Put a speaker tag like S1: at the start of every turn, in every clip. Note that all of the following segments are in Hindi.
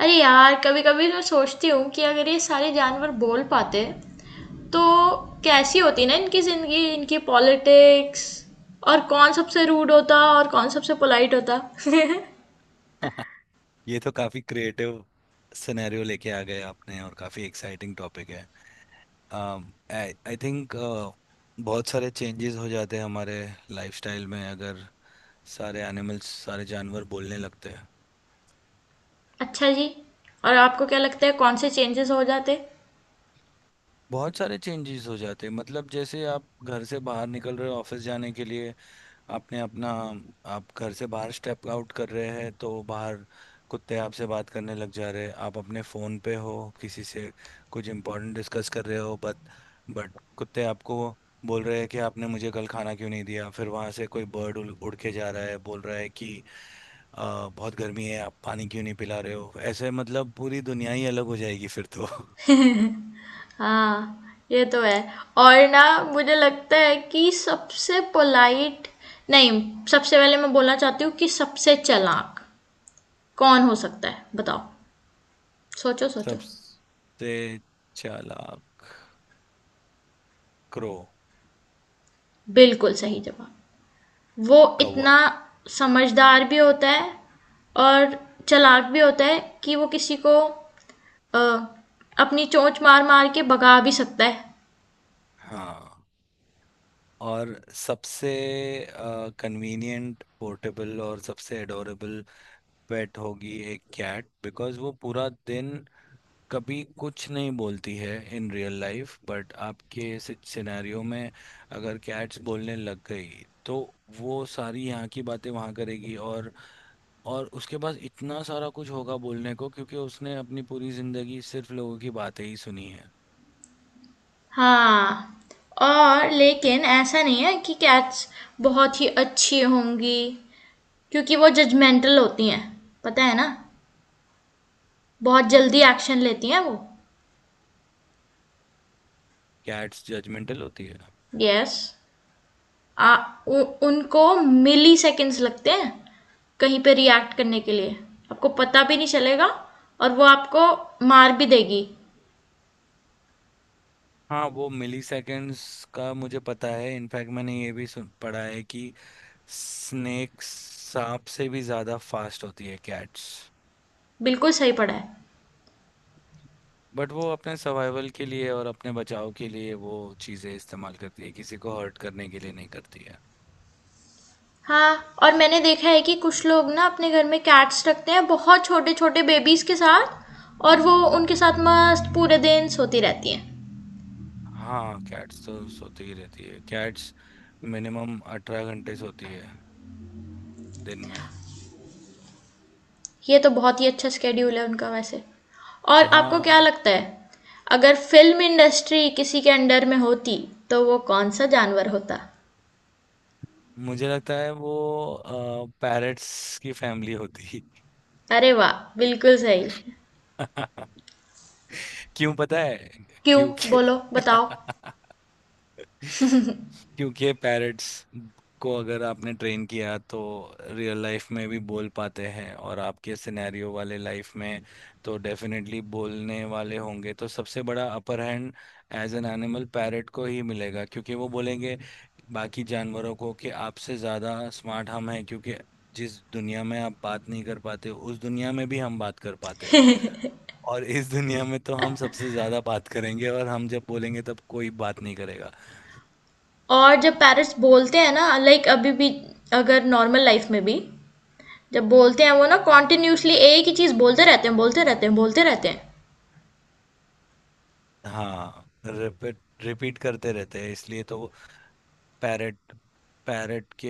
S1: अरे यार, कभी कभी मैं सोचती हूँ कि अगर ये सारे जानवर बोल पाते तो कैसी होती ना, इनकी जिंदगी, इनकी पॉलिटिक्स। और कौन सबसे रूड होता और कौन सबसे पोलाइट होता?
S2: ये तो काफी क्रिएटिव सिनेरियो लेके आ गए आपने और काफी एक्साइटिंग टॉपिक है। आई थिंक बहुत सारे चेंजेस हो जाते हैं हमारे लाइफस्टाइल में अगर सारे एनिमल्स सारे जानवर बोलने लगते हैं।
S1: अच्छा जी। और आपको क्या लगता है कौन से चेंजेस हो जाते?
S2: बहुत सारे चेंजेस हो जाते हैं, मतलब जैसे आप घर से बाहर निकल रहे हो ऑफिस जाने के लिए, आपने अपना आप घर से बाहर स्टेप आउट कर रहे हैं तो बाहर कुत्ते आपसे बात करने लग जा रहे हैं। आप अपने फ़ोन पे हो किसी से कुछ इम्पोर्टेंट डिस्कस कर रहे हो, बट कुत्ते आपको बोल रहे हैं कि आपने मुझे कल खाना क्यों नहीं दिया। फिर वहाँ से कोई बर्ड उड़ उड़ के जा रहा है, बोल रहा है कि "आ, बहुत गर्मी है, आप पानी क्यों नहीं पिला रहे हो"। ऐसे मतलब पूरी दुनिया ही अलग हो जाएगी फिर तो।
S1: हाँ, ये तो है। और ना, मुझे लगता है कि सबसे पोलाइट, नहीं, सबसे पहले मैं बोलना चाहती हूँ कि सबसे चालाक कौन हो सकता है, बताओ। सोचो सोचो।
S2: सबसे चालाक क्रो।
S1: बिल्कुल सही जवाब। वो
S2: कौवा।
S1: इतना समझदार भी होता है और चालाक भी होता है कि वो किसी को अ, अपनी चोंच मार मार के भगा भी सकता है।
S2: हाँ। और सबसे कन्वीनियंट, पोर्टेबल और सबसे एडोरेबल पेट होगी एक कैट, बिकॉज वो पूरा दिन कभी कुछ नहीं बोलती है इन रियल लाइफ। बट आपके सिनेरियो में अगर कैट्स बोलने लग गई तो वो सारी यहाँ की बातें वहाँ करेगी, और उसके पास इतना सारा कुछ होगा बोलने को क्योंकि उसने अपनी पूरी जिंदगी सिर्फ लोगों की बातें ही सुनी है।
S1: हाँ। और लेकिन ऐसा नहीं है कि कैट्स बहुत ही अच्छी होंगी, क्योंकि वो जजमेंटल होती हैं, पता है ना। बहुत जल्दी एक्शन लेती हैं वो।
S2: कैट्स जजमेंटल होती है।
S1: यस। आ उ, उनको मिली सेकेंड्स लगते हैं कहीं पे रिएक्ट करने के लिए। आपको पता भी नहीं चलेगा और वो आपको मार भी देगी।
S2: हाँ, वो मिली सेकेंड्स का मुझे पता है। इनफैक्ट मैंने ये भी सुन पढ़ा है कि स्नेक सांप से भी ज़्यादा फास्ट होती है कैट्स।
S1: बिल्कुल सही पढ़ा है।
S2: बट वो अपने सर्वाइवल के लिए और अपने बचाव के लिए वो चीज़ें इस्तेमाल करती है, किसी को हर्ट करने के लिए नहीं करती है।
S1: हाँ, और मैंने देखा है कि कुछ लोग ना अपने घर में कैट्स रखते हैं बहुत छोटे छोटे बेबीज़ के साथ। और वो उनके साथ मस्त पूरे दिन सोती रहती हैं।
S2: हाँ, कैट्स तो सोती ही रहती है। कैट्स मिनिमम 18 घंटे सोती है दिन में।
S1: ये तो बहुत ही अच्छा स्केड्यूल है उनका वैसे। और
S2: हाँ
S1: आपको क्या
S2: वो-
S1: लगता है, अगर फिल्म इंडस्ट्री किसी के अंडर में होती, तो वो कौन सा जानवर होता?
S2: मुझे लगता है वो पैरट्स की फैमिली होती
S1: अरे वाह, बिल्कुल सही।
S2: है। क्यों पता है?
S1: क्यों?
S2: क्योंकि
S1: बोलो बताओ।
S2: क्योंकि पैरट्स को अगर आपने ट्रेन किया तो रियल लाइफ में भी बोल पाते हैं, और आपके सिनेरियो वाले लाइफ में तो डेफिनेटली बोलने वाले होंगे। तो सबसे बड़ा upper hand as an animal parrot को ही मिलेगा, क्योंकि वो बोलेंगे बाकी जानवरों को कि आपसे ज़्यादा स्मार्ट हम हैं, क्योंकि जिस दुनिया में आप बात नहीं कर पाते उस दुनिया में भी हम बात कर पाते हैं। और इस दुनिया में तो हम सबसे ज्यादा बात करेंगे, और हम जब बोलेंगे तब कोई बात नहीं करेगा।
S1: और जब पेरेंट्स बोलते हैं ना, लाइक अभी भी, अगर नॉर्मल लाइफ में भी जब बोलते हैं वो ना, कॉन्टिन्यूसली एक ही चीज़ बोलते रहते हैं, बोलते रहते हैं, बोलते रहते हैं।
S2: हाँ, रिपीट रिपीट करते रहते हैं, इसलिए तो पैरट पैरट के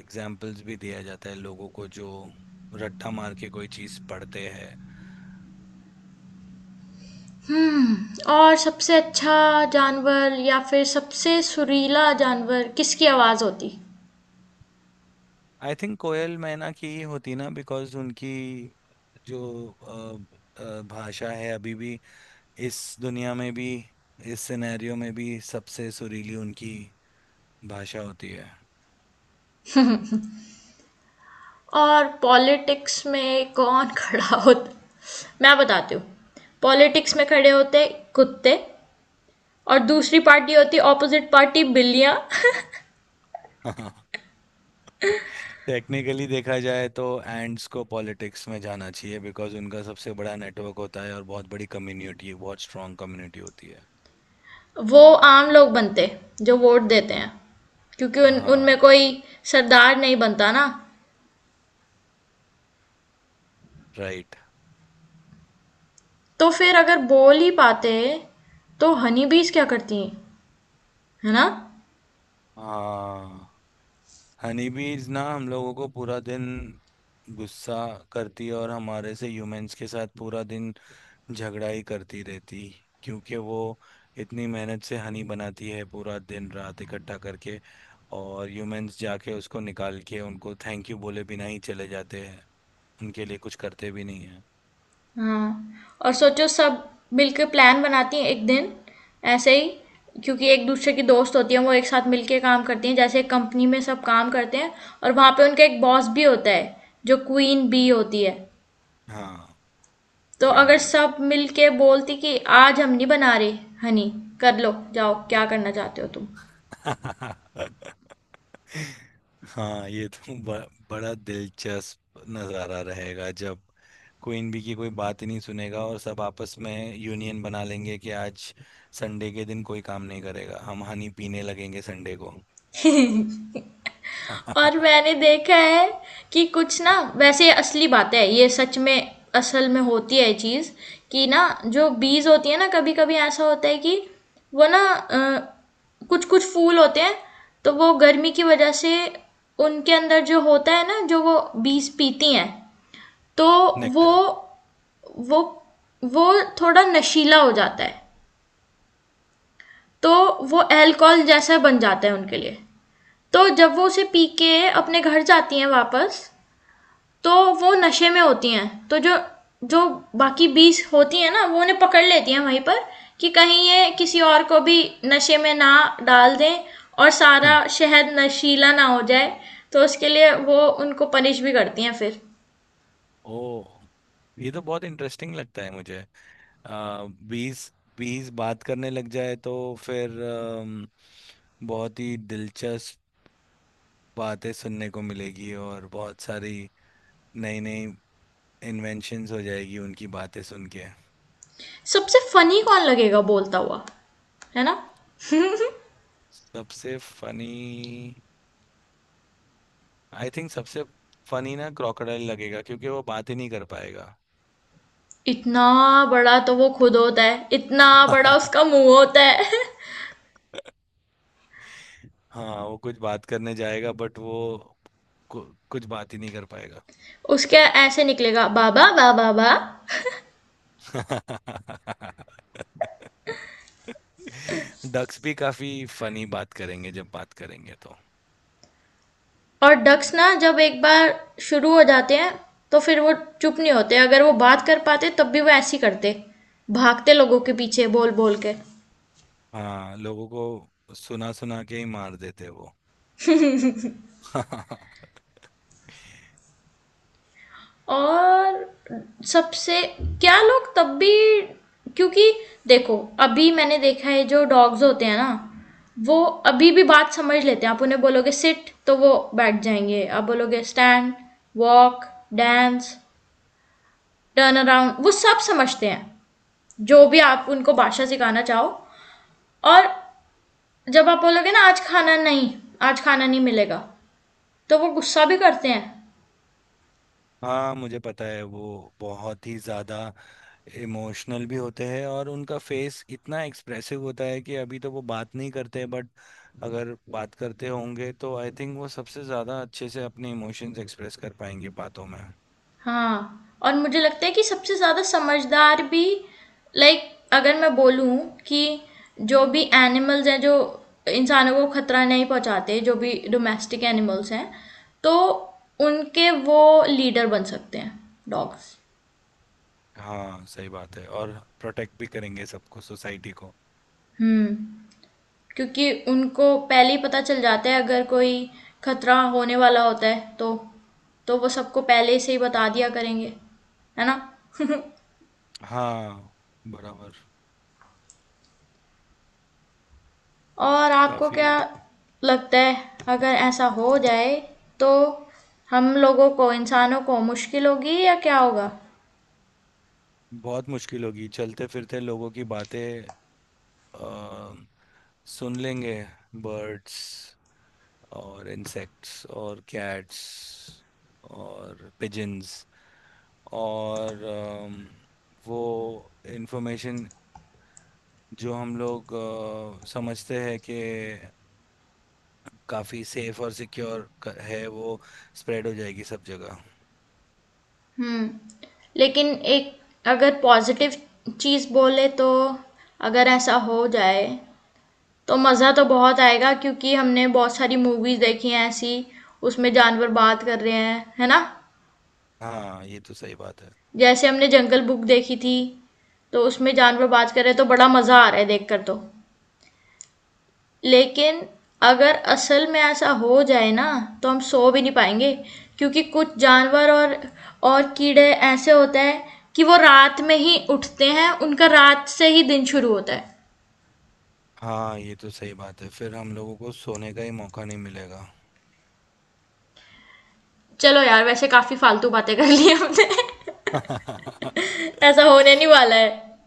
S2: एग्जाम्पल्स भी दिया जाता है लोगों को जो रट्टा मार के कोई चीज पढ़ते हैं।
S1: और सबसे अच्छा जानवर या फिर सबसे सुरीला जानवर किसकी आवाज़ होती?
S2: आई थिंक कोयल मैना की ही होती ना, बिकॉज उनकी जो भाषा है अभी भी, इस दुनिया में भी, इस सिनेरियो में भी सबसे सुरीली उनकी भाषा होती
S1: और पॉलिटिक्स में कौन खड़ा होता? मैं बताती हूँ। पॉलिटिक्स में खड़े होते कुत्ते। और दूसरी पार्टी होती ऑपोजिट पार्टी, बिल्लियाँ।
S2: है। टेक्निकली देखा जाए तो एंड्स को पॉलिटिक्स में जाना चाहिए, बिकॉज उनका सबसे बड़ा नेटवर्क होता है और बहुत बड़ी कम्युनिटी, बहुत स्ट्रांग कम्युनिटी होती है।
S1: वो आम लोग बनते जो वोट देते हैं, क्योंकि उन उनमें
S2: हाँ।
S1: कोई सरदार नहीं बनता ना।
S2: राइट।
S1: तो फिर अगर बोल ही पाते, तो हनी बीज क्या करती हैं, है ना?
S2: हाँ, हनी बीज ना हम लोगों को पूरा दिन गुस्सा करती है और हमारे से, ह्यूमंस के साथ पूरा दिन झगड़ा ही करती रहती, क्योंकि वो इतनी मेहनत से हनी बनाती है पूरा दिन रात इकट्ठा करके, और ह्यूमंस जाके उसको निकाल के उनको थैंक यू बोले बिना ही चले जाते हैं, उनके लिए कुछ करते भी नहीं है।
S1: हाँ, और सोचो, सब मिलके प्लान बनाती हैं एक दिन, ऐसे ही, क्योंकि एक दूसरे की दोस्त होती हैं वो। एक साथ मिलके काम करती हैं, जैसे एक कंपनी में सब काम करते हैं। और वहाँ पे उनका एक बॉस भी होता है, जो क्वीन बी होती है।
S2: हाँ।
S1: तो
S2: क्वीन
S1: अगर
S2: भी।
S1: सब मिलके बोलती कि आज हम नहीं बना रहे हनी, कर लो जाओ क्या करना चाहते हो
S2: हाँ, ये तो बड़ा दिलचस्प नज़ारा रहेगा जब क्वीन बी की कोई बात ही नहीं सुनेगा और सब आपस में यूनियन बना लेंगे कि आज संडे के दिन कोई काम नहीं करेगा, हम हनी पीने लगेंगे संडे को।
S1: तुम। और मैंने देखा है कि कुछ ना, वैसे ये असली बातें हैं, ये सच में, असल में होती है ये चीज़, कि ना, जो बीज होती है ना, कभी कभी ऐसा होता है कि वो ना, कुछ कुछ फूल होते हैं, तो वो गर्मी की वजह से उनके अंदर जो होता है ना, जो वो बीज पीती हैं, तो वो
S2: नेक्टर।
S1: वो वो थोड़ा नशीला हो जाता है। तो वो अल्कोहल जैसा बन जाता है उनके लिए। तो जब वो उसे पी के अपने घर जाती हैं वापस, तो वो नशे में होती हैं। तो जो जो बाकी बीस होती हैं ना, वो उन्हें पकड़ लेती हैं वहीं पर, कि कहीं ये किसी और को भी नशे में ना डाल दें, और सारा
S2: हम्म।
S1: शहर नशीला ना हो जाए। तो उसके लिए वो उनको पनिश भी करती हैं फिर।
S2: ओ, ये तो बहुत इंटरेस्टिंग लगता है मुझे। आ, बीस बीस बात करने लग जाए तो फिर बहुत ही दिलचस्प बातें सुनने को मिलेगी, और बहुत सारी नई नई इन्वेंशंस हो जाएगी उनकी बातें सुन के।
S1: सबसे फनी कौन लगेगा बोलता हुआ, है ना?
S2: सबसे फनी आई थिंक सबसे फनी ना क्रोकोडाइल लगेगा, क्योंकि वो बात ही नहीं कर पाएगा।
S1: इतना बड़ा तो वो खुद होता है, इतना बड़ा उसका मुंह होता है।
S2: हाँ, वो कुछ बात करने जाएगा बट वो कु, कुछ बात ही नहीं कर पाएगा।
S1: उसके ऐसे निकलेगा, बाबा बाबा बाबा।
S2: डक्स भी काफी फनी बात करेंगे जब बात करेंगे तो।
S1: और डक्स ना, जब एक बार शुरू हो जाते हैं, तो फिर वो चुप नहीं होते। अगर वो बात कर पाते तब भी वो ऐसे ही करते, भागते लोगों के पीछे बोल बोल के।
S2: हाँ, लोगों को सुना सुना के ही मार देते हैं वो।
S1: और सबसे क्या, लोग तब भी, क्योंकि देखो, अभी मैंने देखा है, जो डॉग्स होते हैं ना, वो अभी भी बात समझ लेते हैं। आप उन्हें बोलोगे सिट तो वो बैठ जाएंगे, आप बोलोगे stand, walk, dance, turn around, वो सब समझते हैं, जो भी आप उनको भाषा सिखाना चाहो। और जब आप बोलोगे ना, आज खाना नहीं मिलेगा, तो वो गुस्सा भी करते हैं।
S2: हाँ मुझे पता है वो बहुत ही ज्यादा इमोशनल भी होते हैं, और उनका फेस इतना एक्सप्रेसिव होता है कि अभी तो वो बात नहीं करते। बट अगर बात करते होंगे तो आई थिंक वो सबसे ज्यादा अच्छे से अपने इमोशंस एक्सप्रेस कर पाएंगे बातों में।
S1: हाँ, और मुझे लगता है कि सबसे ज़्यादा समझदार भी, लाइक, अगर मैं बोलूँ कि जो भी एनिमल्स हैं जो इंसानों को खतरा नहीं पहुँचाते, जो भी डोमेस्टिक एनिमल्स हैं, तो उनके वो लीडर बन सकते हैं, डॉग्स।
S2: हाँ सही बात है, और प्रोटेक्ट भी करेंगे सबको, सोसाइटी को।
S1: हुँ, क्योंकि उनको पहले ही पता चल जाता है अगर कोई खतरा होने वाला होता है तो। तो वो सबको पहले से ही बता दिया करेंगे, है ना?
S2: हाँ, बराबर।
S1: और आपको
S2: काफी
S1: क्या लगता है, अगर ऐसा हो जाए, तो हम लोगों को, इंसानों को मुश्किल होगी, या क्या होगा?
S2: बहुत मुश्किल होगी, चलते फिरते लोगों की बातें अ, सुन लेंगे बर्ड्स और इंसेक्ट्स और कैट्स और पिजन्स और वो इंफॉर्मेशन जो हम लोग समझते हैं कि काफ़ी सेफ और सिक्योर है वो स्प्रेड हो जाएगी सब जगह।
S1: हुँ, लेकिन एक, अगर पॉज़िटिव चीज़ बोले तो, अगर ऐसा हो जाए तो मज़ा तो बहुत आएगा, क्योंकि हमने बहुत सारी मूवीज़ देखी हैं ऐसी, उसमें जानवर बात कर रहे हैं, है ना?
S2: हाँ ये तो सही बात है।
S1: जैसे हमने जंगल बुक देखी थी, तो उसमें जानवर बाज कर रहे, तो बड़ा मज़ा आ रहा है देखकर। तो लेकिन अगर असल में ऐसा हो जाए ना, तो हम सो भी नहीं पाएंगे, क्योंकि कुछ जानवर और कीड़े ऐसे होते हैं कि वो रात में ही उठते हैं, उनका रात से ही दिन शुरू होता है।
S2: हाँ ये तो सही बात है, फिर हम लोगों को सोने का ही मौका नहीं मिलेगा।
S1: चलो यार, वैसे काफ़ी फालतू बातें कर ली हमने। ऐसा होने नहीं वाला है।